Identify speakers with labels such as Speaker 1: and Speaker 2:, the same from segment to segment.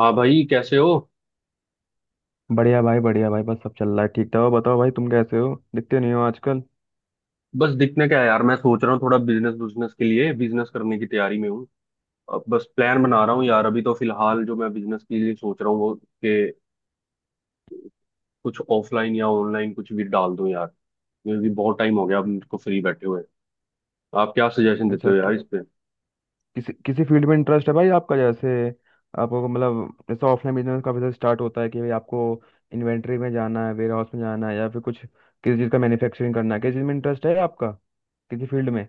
Speaker 1: हाँ भाई कैसे हो?
Speaker 2: बढ़िया भाई बढ़िया भाई, बस सब चल रहा है। ठीक था, बताओ भाई तुम कैसे हो? दिखते नहीं हो आजकल।
Speaker 1: बस दिखने क्या है यार। मैं सोच रहा हूँ थोड़ा बिजनेस बिजनेस के लिए बिजनेस करने की तैयारी में हूँ। अब बस प्लान बना रहा हूँ यार। अभी तो फिलहाल जो मैं बिजनेस के लिए सोच रहा हूँ वो कि कुछ ऑफलाइन या ऑनलाइन कुछ भी डाल दूँ यार, क्योंकि बहुत टाइम हो गया अब मुझको फ्री बैठे हुए। आप क्या सजेशन देते
Speaker 2: अच्छा,
Speaker 1: हो यार इस पे?
Speaker 2: किसी किसी फील्ड में इंटरेस्ट है भाई आपका? जैसे आपको मतलब जैसे ऑफलाइन बिजनेस काफी सारे स्टार्ट होता है कि भाई आपको इन्वेंट्री में जाना है, वेयर हाउस में जाना है, या फिर कुछ किसी चीज़ का मैन्युफैक्चरिंग करना है? किस चीज़ में इंटरेस्ट है आपका, किसी फील्ड में?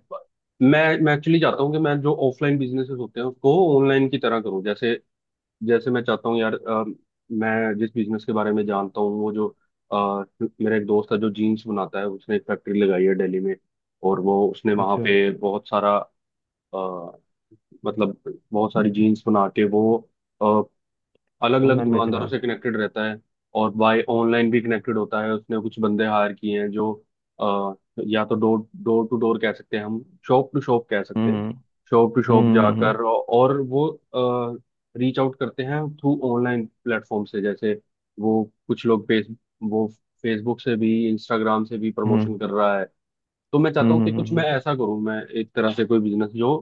Speaker 1: मैं एक्चुअली चाहता हूँ कि मैं जो ऑफलाइन बिजनेसेस होते हैं उसको ऑनलाइन की तरह करूँ। जैसे जैसे मैं चाहता हूँ यार, मैं जिस बिजनेस के बारे में जानता हूँ वो जो अ, मेरा एक दोस्त है जो जीन्स बनाता है। उसने एक फैक्ट्री लगाई है दिल्ली में और वो उसने वहाँ
Speaker 2: अच्छा,
Speaker 1: पे बहुत सारा अ, मतलब बहुत सारी जीन्स बना के वो अलग अलग
Speaker 2: ऑनलाइन बेच रहा
Speaker 1: दुकानदारों
Speaker 2: है।
Speaker 1: से कनेक्टेड रहता है। और बाय ऑनलाइन भी कनेक्टेड होता है। उसने कुछ बंदे हायर किए हैं जो अ, या तो डोर डोर टू डोर कह सकते हैं हम, शॉप टू शॉप कह सकते हैं।
Speaker 2: हम्म।
Speaker 1: शॉप टू शॉप
Speaker 2: हम्म।
Speaker 1: जाकर, और वो रीच आउट करते हैं थ्रू ऑनलाइन प्लेटफॉर्म से। जैसे वो कुछ लोग फेस वो फेसबुक से भी इंस्टाग्राम से भी
Speaker 2: हम्म हम्म
Speaker 1: प्रमोशन कर रहा है। तो मैं चाहता
Speaker 2: हम्म।
Speaker 1: हूँ कि कुछ मैं ऐसा करूँ। मैं एक तरह से कोई बिजनेस जो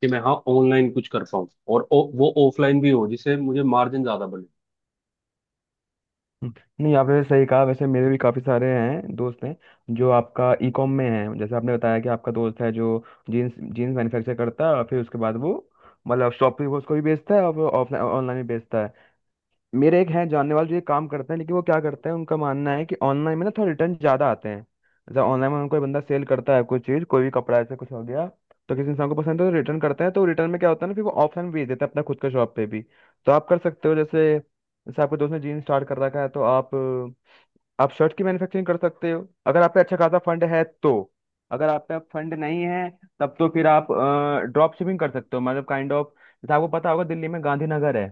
Speaker 1: कि मैं, हाँ, ऑनलाइन कुछ कर पाऊँ और वो ऑफलाइन भी हो, जिससे मुझे मार्जिन ज्यादा बने।
Speaker 2: हम्म। नहीं, आपने सही कहा। वैसे मेरे भी काफ़ी सारे हैं दोस्त हैं जो आपका ई कॉम में हैं। जैसे आपने बताया कि आपका दोस्त है जो जीन्स जीन्स मैन्युफैक्चर करता है, और फिर उसके बाद वो मतलब शॉप पे वो उसको भी बेचता है और ऑफलाइन ऑनलाइन भी बेचता है। मेरे एक हैं जानने वाले जो ये काम करते हैं, लेकिन वो क्या करते हैं, उनका मानना है कि ऑनलाइन में ना थोड़ा रिटर्न ज्यादा आते हैं। जैसे ऑनलाइन में हम कोई बंदा सेल करता है कोई चीज, कोई भी कपड़ा ऐसे कुछ हो गया, तो किसी इंसान को पसंद है तो रिटर्न करते हैं। तो रिटर्न में क्या होता है ना, फिर वो ऑप्शन भेज देते हैं अपना खुद का शॉप पे भी। तो आप कर सकते हो जैसे, जैसे आपके दोस्त ने जीन स्टार्ट कर रखा है, तो आप शर्ट की मैन्युफैक्चरिंग कर सकते हो अगर आप पे अच्छा खासा फंड है तो। अगर आप पे फंड नहीं है, तब तो फिर आप ड्रॉप शिपिंग कर सकते हो मतलब काइंड ऑफ। जैसे आपको पता होगा दिल्ली में गांधीनगर है,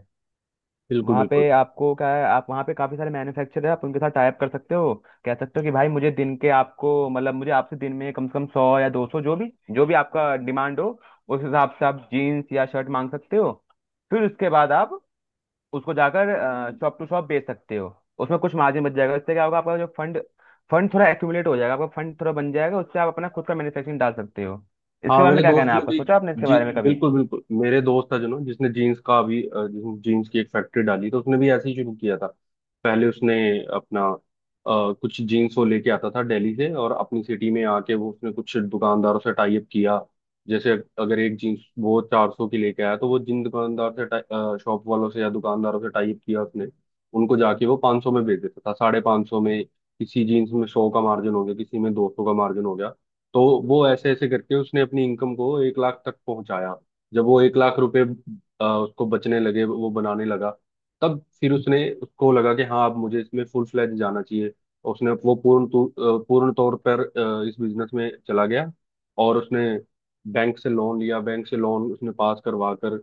Speaker 1: बिल्कुल,
Speaker 2: वहाँ
Speaker 1: बिल्कुल।
Speaker 2: पे आपको क्या है, आप वहाँ पे काफ़ी सारे मैन्युफैक्चरर है, आप उनके साथ टाइप कर सकते हो। कह सकते हो कि भाई मुझे दिन के आपको मतलब मुझे आपसे दिन में कम से कम सौ या दो सौ, जो भी आपका डिमांड हो, उस हिसाब से आप जीन्स या शर्ट मांग सकते हो। फिर उसके बाद आप उसको जाकर शॉप टू शॉप बेच सकते हो, उसमें कुछ मार्जिन बच जाएगा। इससे क्या होगा, आपका जो फंड फंड थोड़ा एक्यूमुलेट हो जाएगा, आपका फंड थोड़ा बन जाएगा, उससे आप अपना खुद का मैन्युफैक्चरिंग डाल सकते हो। इसके
Speaker 1: हाँ
Speaker 2: बारे में
Speaker 1: मेरे
Speaker 2: क्या कहना
Speaker 1: दोस्त
Speaker 2: है
Speaker 1: ने
Speaker 2: आपका?
Speaker 1: भी,
Speaker 2: सोचा आपने इसके
Speaker 1: जी,
Speaker 2: बारे में कभी?
Speaker 1: बिल्कुल बिल्कुल। मेरे दोस्त था जो ना, जिसने जीन्स का अभी जिसने जीन्स की एक फैक्ट्री डाली, तो उसने भी ऐसे ही शुरू किया था। पहले उसने अपना कुछ जीन्स वो लेके आता था दिल्ली से और अपनी सिटी में आके वो उसने कुछ दुकानदारों से टाई अप किया। जैसे अगर एक जीन्स वो 400 की लेके आया, तो वो जिन दुकानदार से, शॉप वालों से या दुकानदारों से टाई अप किया उसने, उनको जाके वो 500 में बेच देता था, 550 में। किसी जीन्स में 100 का मार्जिन हो गया, किसी में 200 का मार्जिन हो गया। तो वो ऐसे ऐसे करके उसने अपनी इनकम को 1 लाख तक पहुंचाया। जब वो 1 लाख रुपए उसको बचने लगे, वो बनाने लगा, तब फिर उसने, उसको लगा कि हाँ अब मुझे इसमें फुल फ्लैज जाना चाहिए। और उसने वो पूर्ण तौर पर इस बिजनेस में चला गया। और उसने बैंक से लोन लिया। बैंक से लोन उसने पास करवा कर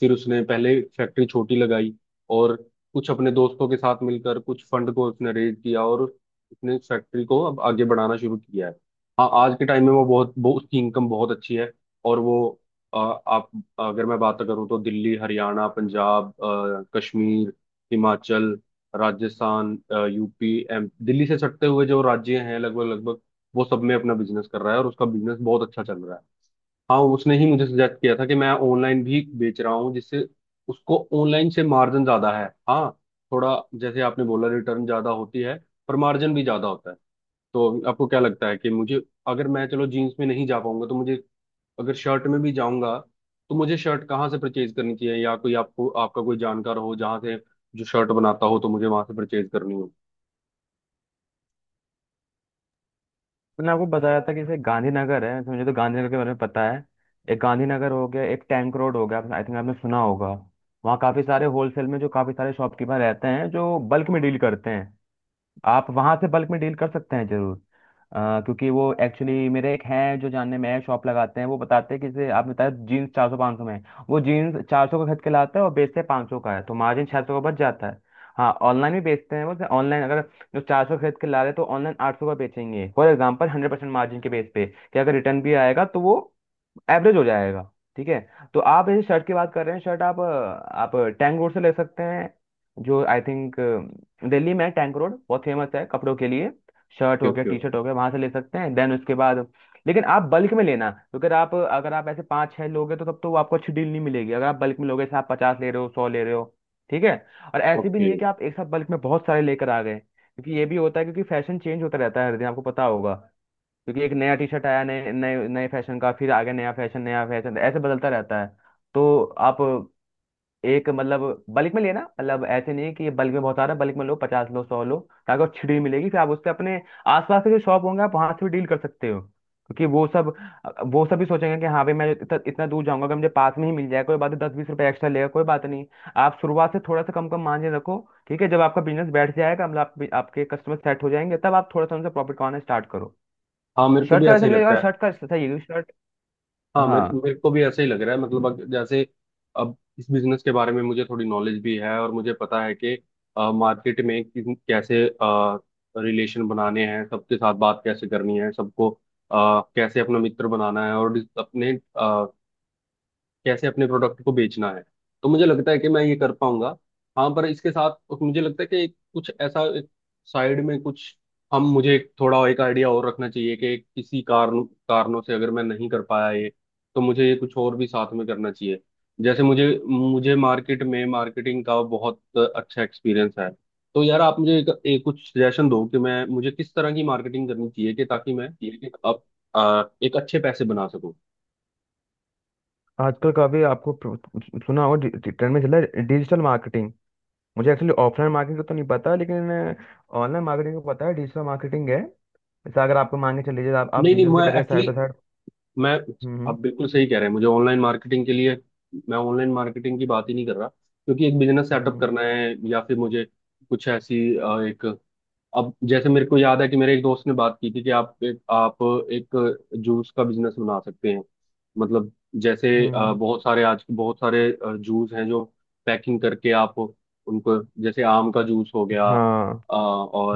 Speaker 1: फिर उसने पहले फैक्ट्री छोटी लगाई और कुछ अपने दोस्तों के साथ मिलकर कुछ फंड को उसने रेज किया और उसने फैक्ट्री को अब आगे बढ़ाना शुरू किया है। आज के टाइम में वो बहुत, वो उसकी इनकम बहुत अच्छी है। और वो आ, आप अगर मैं बात करूँ तो दिल्ली, हरियाणा, पंजाब, कश्मीर, हिमाचल, राजस्थान, यूपी, एम दिल्ली से सटते हुए जो राज्य हैं, लगभग लगभग वो सब में अपना बिजनेस कर रहा है और उसका बिजनेस बहुत अच्छा चल रहा है। हाँ उसने ही मुझे सजेस्ट किया था कि मैं ऑनलाइन भी बेच रहा हूँ, जिससे उसको ऑनलाइन से मार्जिन ज्यादा है। हाँ, थोड़ा, जैसे आपने बोला, रिटर्न ज्यादा होती है पर मार्जिन भी ज्यादा होता है। तो आपको क्या लगता है कि मुझे, अगर मैं चलो जीन्स में नहीं जा पाऊंगा तो मुझे, अगर शर्ट में भी जाऊंगा, तो मुझे शर्ट कहाँ से परचेज करनी चाहिए, या कोई आपको, आपका कोई जानकार हो जहाँ से, जो शर्ट बनाता हो, तो मुझे वहां से परचेज करनी हो।
Speaker 2: मैंने आपको बताया था कि जैसे गांधीनगर है, तो मुझे तो गांधीनगर के बारे में पता है। एक गांधीनगर हो गया, एक टैंक रोड हो गया, आई थिंक आपने सुना होगा। वहाँ काफी सारे होलसेल में जो काफी सारे शॉपकीपर रहते हैं जो बल्क में डील करते हैं, आप वहां से बल्क में डील कर सकते हैं जरूर। क्योंकि वो एक्चुअली मेरे एक हैं जो जानने में है, शॉप लगाते हैं, वो बताते हैं कि जैसे आपने बताया जीन्स चार सौ पाँच सौ में है। वो जीन्स चार सौ का खरीद के लाता है और बेचते हैं पाँच सौ का है, तो मार्जिन छः सौ का बच जाता है। हाँ, ऑनलाइन भी बेचते हैं वो। ऑनलाइन अगर जो चार सौ खरीद के ला रहे हैं तो ऑनलाइन आठ सौ का बेचेंगे, for example hundred percent margin के बेस पे, कि अगर रिटर्न भी आएगा तो वो एवरेज हो जाएगा। ठीक है। तो आप इस शर्ट की बात कर रहे हैं। शर्ट आप आप टैंक रोड से ले सकते हैं, जो आई थिंक दिल्ली में टैंक रोड बहुत फेमस है कपड़ों के लिए। शर्ट
Speaker 1: ओके,
Speaker 2: हो गया,
Speaker 1: ओके,
Speaker 2: टी
Speaker 1: ओके,
Speaker 2: शर्ट हो गया, वहां से ले सकते हैं। देन उसके बाद लेकिन आप बल्क में लेना, क्योंकि आप अगर आप ऐसे पाँच छह लोगे तो तब तो वो आपको अच्छी डील नहीं मिलेगी। अगर आप बल्क में लोगे जैसे आप पचास ले रहे हो, सौ ले रहे हो, ठीक है। और ऐसे भी
Speaker 1: ओके।
Speaker 2: नहीं है कि आप एक साथ बल्क में बहुत सारे लेकर आ गए, क्योंकि ये भी होता है, क्योंकि फैशन चेंज होता रहता है हर दिन आपको पता होगा। क्योंकि एक नया टी शर्ट आया नए नए नए फैशन का, फिर आगे नया फैशन, नया फैशन, ऐसे बदलता रहता है। तो आप एक मतलब बल्क में लेना मतलब ऐसे नहीं है कि बल्क में बहुत आ रहा है, बल्क में लो, पचास लो, सौ लो, ताकि वो छिड़ी मिलेगी। फिर आप उससे अपने आसपास के जो शॉप होंगे आप वहां से भी डील कर सकते हो, क्योंकि वो सब, वो सब भी सोचेंगे कि हाँ भाई मैं इतना दूर जाऊंगा कि मुझे पास में ही मिल जाए, कोई बात नहीं दस बीस रुपए एक्स्ट्रा लेगा, कोई बात नहीं। आप शुरुआत से थोड़ा सा कम कम मार्जिन रखो। ठीक है, जब आपका बिजनेस बैठ जाएगा मतलब आप, आपके कस्टमर सेट हो जाएंगे, तब आप थोड़ा सा उनसे प्रॉफिट कमाना स्टार्ट करो।
Speaker 1: हाँ मेरे को
Speaker 2: शर्ट
Speaker 1: भी
Speaker 2: का
Speaker 1: ऐसा
Speaker 2: ऐसे
Speaker 1: ही
Speaker 2: मुझे लगा
Speaker 1: लगता है।
Speaker 2: शर्ट का ऐसा था, ये भी शर्ट।
Speaker 1: हाँ मेरे
Speaker 2: हाँ।
Speaker 1: मेरे को भी ऐसा ही लग रहा है। मतलब जैसे अब इस बिजनेस के बारे में मुझे थोड़ी नॉलेज भी है और मुझे पता है कि मार्केट में कैसे रिलेशन बनाने हैं सबके साथ, बात कैसे करनी है सबको, कैसे अपना मित्र बनाना है और अपने, कैसे अपने प्रोडक्ट को बेचना है। तो मुझे लगता है कि मैं ये कर पाऊंगा। हाँ पर इसके साथ मुझे लगता है कि कुछ ऐसा एक, साइड में कुछ हम, मुझे एक थोड़ा एक आइडिया और रखना चाहिए कि किसी कारण, कारणों से अगर मैं नहीं कर पाया ये, तो मुझे ये कुछ और भी साथ में करना चाहिए। जैसे मुझे मुझे मार्केट में मार्केटिंग का बहुत अच्छा एक्सपीरियंस है। तो यार आप मुझे एक कुछ सजेशन दो कि मैं, मुझे किस तरह की मार्केटिंग करनी चाहिए कि ताकि मैं
Speaker 2: ये भी-
Speaker 1: अब एक अच्छे पैसे बना सकूं।
Speaker 2: आजकल काफी आपको प्रो- सुना होगा, डि- डि- ट्रेंड में चल रहा है डिजिटल मार्केटिंग। मुझे एक्चुअली ऑफलाइन मार्केटिंग का तो नहीं पता, लेकिन ऑनलाइन मार्केटिंग का पता है, डिजिटल मार्केटिंग है। जैसे अगर आपको मांगे चल लीजिए आप,
Speaker 1: नहीं नहीं,
Speaker 2: बिजनेस भी
Speaker 1: मैं
Speaker 2: कर रहे हैं साइड
Speaker 1: एक्चुअली
Speaker 2: बाय साइड।
Speaker 1: मैं
Speaker 2: हम्म।
Speaker 1: आप बिल्कुल सही कह रहे हैं। मुझे ऑनलाइन मार्केटिंग के लिए, मैं ऑनलाइन मार्केटिंग की बात ही नहीं कर रहा, क्योंकि एक बिजनेस सेटअप
Speaker 2: हम्म
Speaker 1: करना है या फिर मुझे कुछ ऐसी एक, अब जैसे मेरे को याद है कि मेरे एक दोस्त ने बात की थी कि आप एक जूस का बिजनेस बना सकते हैं। मतलब जैसे
Speaker 2: हम्म।
Speaker 1: बहुत सारे आज, बहुत सारे जूस हैं जो पैकिंग करके आप उनको, जैसे आम का जूस हो गया,
Speaker 2: हाँ।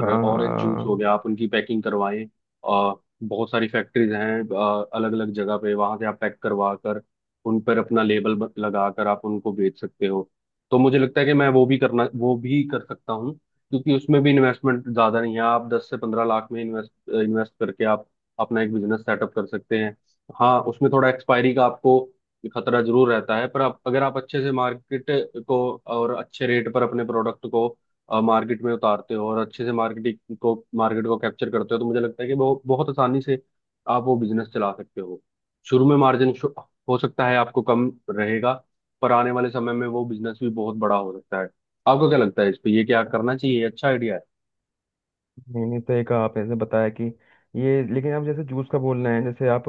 Speaker 2: हाँ
Speaker 1: ऑरेंज जूस हो
Speaker 2: हाँ।
Speaker 1: गया, आप उनकी पैकिंग करवाएं। अ, बहुत सारी फैक्ट्रीज हैं अलग अलग जगह पे, वहां से आप पैक करवा कर उन पर अपना लेबल लगा कर आप उनको बेच सकते हो। तो मुझे लगता है कि मैं वो भी करना, वो भी कर सकता हूँ, क्योंकि उसमें भी इन्वेस्टमेंट ज्यादा नहीं है। आप 10 से 15 लाख में इन्वेस्ट इन्वेस्ट करके आप अपना एक बिजनेस सेटअप कर सकते हैं। हाँ उसमें थोड़ा एक्सपायरी का आपको खतरा जरूर रहता है, पर आप, अगर आप अच्छे से मार्केट को और अच्छे रेट पर अपने प्रोडक्ट को मार्केट में उतारते हो और अच्छे से मार्केटिंग को, मार्केट को कैप्चर करते हो, तो मुझे लगता है कि बहुत बहुत आसानी से आप वो बिजनेस चला सकते हो। शुरू में मार्जिन हो सकता है आपको कम रहेगा, पर आने वाले समय में वो बिजनेस भी बहुत बड़ा हो सकता है। आपको क्या लगता है इस पे? ये क्या करना चाहिए? ये अच्छा आइडिया है?
Speaker 2: नहीं नहीं, सही कहा आपने जैसे बताया कि, ये लेकिन आप जैसे जूस का बोल रहे हैं, जैसे आप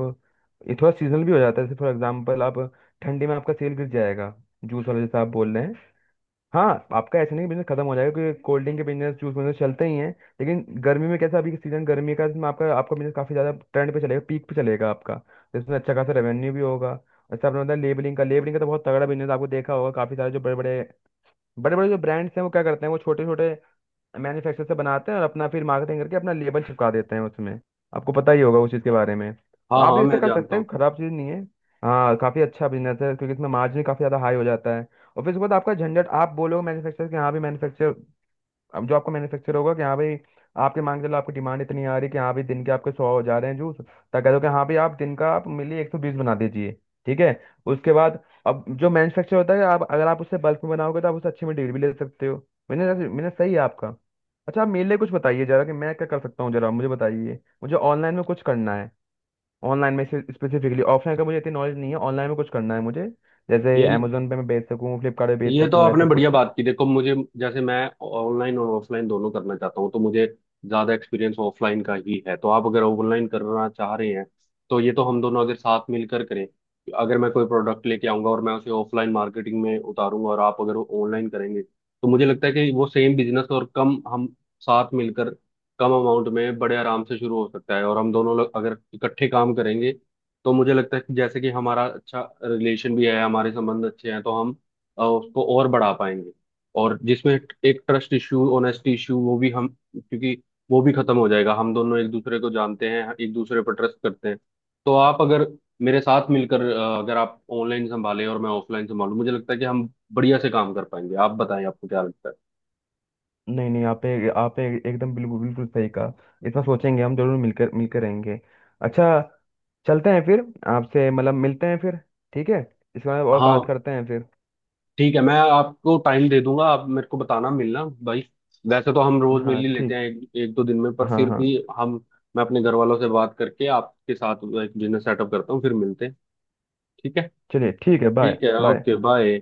Speaker 2: ये थोड़ा सीजनल भी हो जाता है। जैसे फॉर एग्जाम्पल आप ठंडी में आपका सेल गिर जाएगा जूस वाला, जैसे आप बोल रहे हैं। हाँ, आपका ऐसा नहीं बिजनेस खत्म हो जाएगा, क्योंकि कोल्ड ड्रिंक के बिजनेस जूस बिजनेस चलते ही हैं। लेकिन गर्मी में कैसा अभी सीजन गर्मी का, इसमें आपका आपका बिजनेस काफी ज्यादा ट्रेंड पे चलेगा, पीक पे चलेगा आपका। तो इसमें अच्छा खासा रेवेन्यू भी होगा। अच्छा, आपने बताया लेबलिंग का। लेबलिंग का तो बहुत तगड़ा बिजनेस आपको देखा होगा। काफी सारे जो बड़े बड़े जो ब्रांड्स हैं वो क्या करते हैं, वो छोटे छोटे मैन्युफैक्चर से बनाते हैं और अपना फिर मार्केटिंग करके अपना लेबल चिपका देते हैं उसमें। आपको पता ही होगा उस चीज़ के बारे में,
Speaker 1: हाँ
Speaker 2: तो आप
Speaker 1: हाँ,
Speaker 2: भी इसे
Speaker 1: मैं
Speaker 2: कर सकते
Speaker 1: जानता हूँ।
Speaker 2: हैं, खराब चीज़ नहीं है। हाँ, काफ़ी अच्छा बिजनेस है, क्योंकि इसमें मार्जिन काफ़ी ज़्यादा हाई हो जाता है। और फिर उसके बाद आपका झंझट, आप बोलोगे मैन्युफैक्चर के, हाँ भी मैन्युफैक्चर। अब जो आपको मैन्युफैक्चर होगा कि हाँ भाई आपके मांग चलो आपकी डिमांड इतनी आ रही है कि हाँ भाई दिन के आपके सौ हो जा रहे हैं जूस, तो कह दो कि हाँ भाई आप दिन का आप मिली एक सौ बीस बना दीजिए। ठीक है। उसके बाद अब जो मैन्युफैक्चर होता है, आप अगर आप उससे बल्क में बनाओगे तो आप उससे अच्छे में डील भी ले सकते हो। मैंने मैंने सही है आपका। अच्छा, आप मेरे लिए कुछ बताइए जरा कि मैं क्या कर सकता हूँ, जरा मुझे बताइए। मुझे ऑनलाइन में कुछ करना है, ऑनलाइन में स्पेसिफिकली। ऑफलाइन का मुझे इतनी नॉलेज नहीं है, ऑनलाइन में कुछ करना है मुझे। जैसे
Speaker 1: ये
Speaker 2: अमेजोन पे मैं बेच सकूँ, फ्लिपकार्ट पे बेच
Speaker 1: ये तो
Speaker 2: सकूँ,
Speaker 1: आपने
Speaker 2: ऐसा
Speaker 1: बढ़िया
Speaker 2: कुछ।
Speaker 1: बात की। देखो, मुझे, जैसे मैं ऑनलाइन और ऑफलाइन दोनों करना चाहता हूँ, तो मुझे ज्यादा एक्सपीरियंस ऑफलाइन का ही है। तो आप अगर ऑनलाइन करना चाह रहे हैं, तो ये तो हम दोनों अगर साथ मिलकर करें, अगर मैं कोई प्रोडक्ट लेके आऊंगा और मैं उसे ऑफलाइन मार्केटिंग में उतारूंगा और आप अगर ऑनलाइन करेंगे, तो मुझे लगता है कि वो सेम बिजनेस, और कम, हम साथ मिलकर कम अमाउंट में बड़े आराम से शुरू हो सकता है। और हम दोनों लोग अगर इकट्ठे काम करेंगे, तो मुझे लगता है कि, जैसे कि हमारा अच्छा रिलेशन भी है, हमारे संबंध अच्छे हैं, तो हम उसको और बढ़ा पाएंगे। और जिसमें एक ट्रस्ट इशू, ऑनेस्टी इशू, वो भी हम, क्योंकि वो भी खत्म हो जाएगा, हम दोनों एक दूसरे को जानते हैं, एक दूसरे पर ट्रस्ट करते हैं। तो आप अगर मेरे साथ मिलकर, अगर आप ऑनलाइन संभालें और मैं ऑफलाइन संभालूं, मुझे लगता है कि हम बढ़िया से काम कर पाएंगे। आप बताएं, आपको क्या लगता है?
Speaker 2: नहीं नहीं, एकदम बिल्कुल बिल्कुल सही कहा। इतना सोचेंगे हम जरूर, मिलकर मिलकर रहेंगे। अच्छा, चलते हैं फिर। आपसे मतलब मिलते हैं फिर, ठीक है। इसके बारे में और बात
Speaker 1: हाँ
Speaker 2: करते हैं फिर।
Speaker 1: ठीक है, मैं आपको टाइम दे दूंगा। आप मेरे को बताना, मिलना भाई। वैसे तो हम रोज मिल
Speaker 2: हाँ
Speaker 1: ही लेते
Speaker 2: ठीक।
Speaker 1: हैं एक दो दिन में, पर
Speaker 2: हाँ
Speaker 1: फिर
Speaker 2: हाँ।
Speaker 1: भी हम, मैं अपने घर वालों से बात करके आपके साथ एक बिजनेस सेटअप करता हूँ, फिर मिलते हैं। ठीक है।
Speaker 2: चलिए ठीक है, बाय
Speaker 1: ठीक है,
Speaker 2: बाय।
Speaker 1: Okay bye.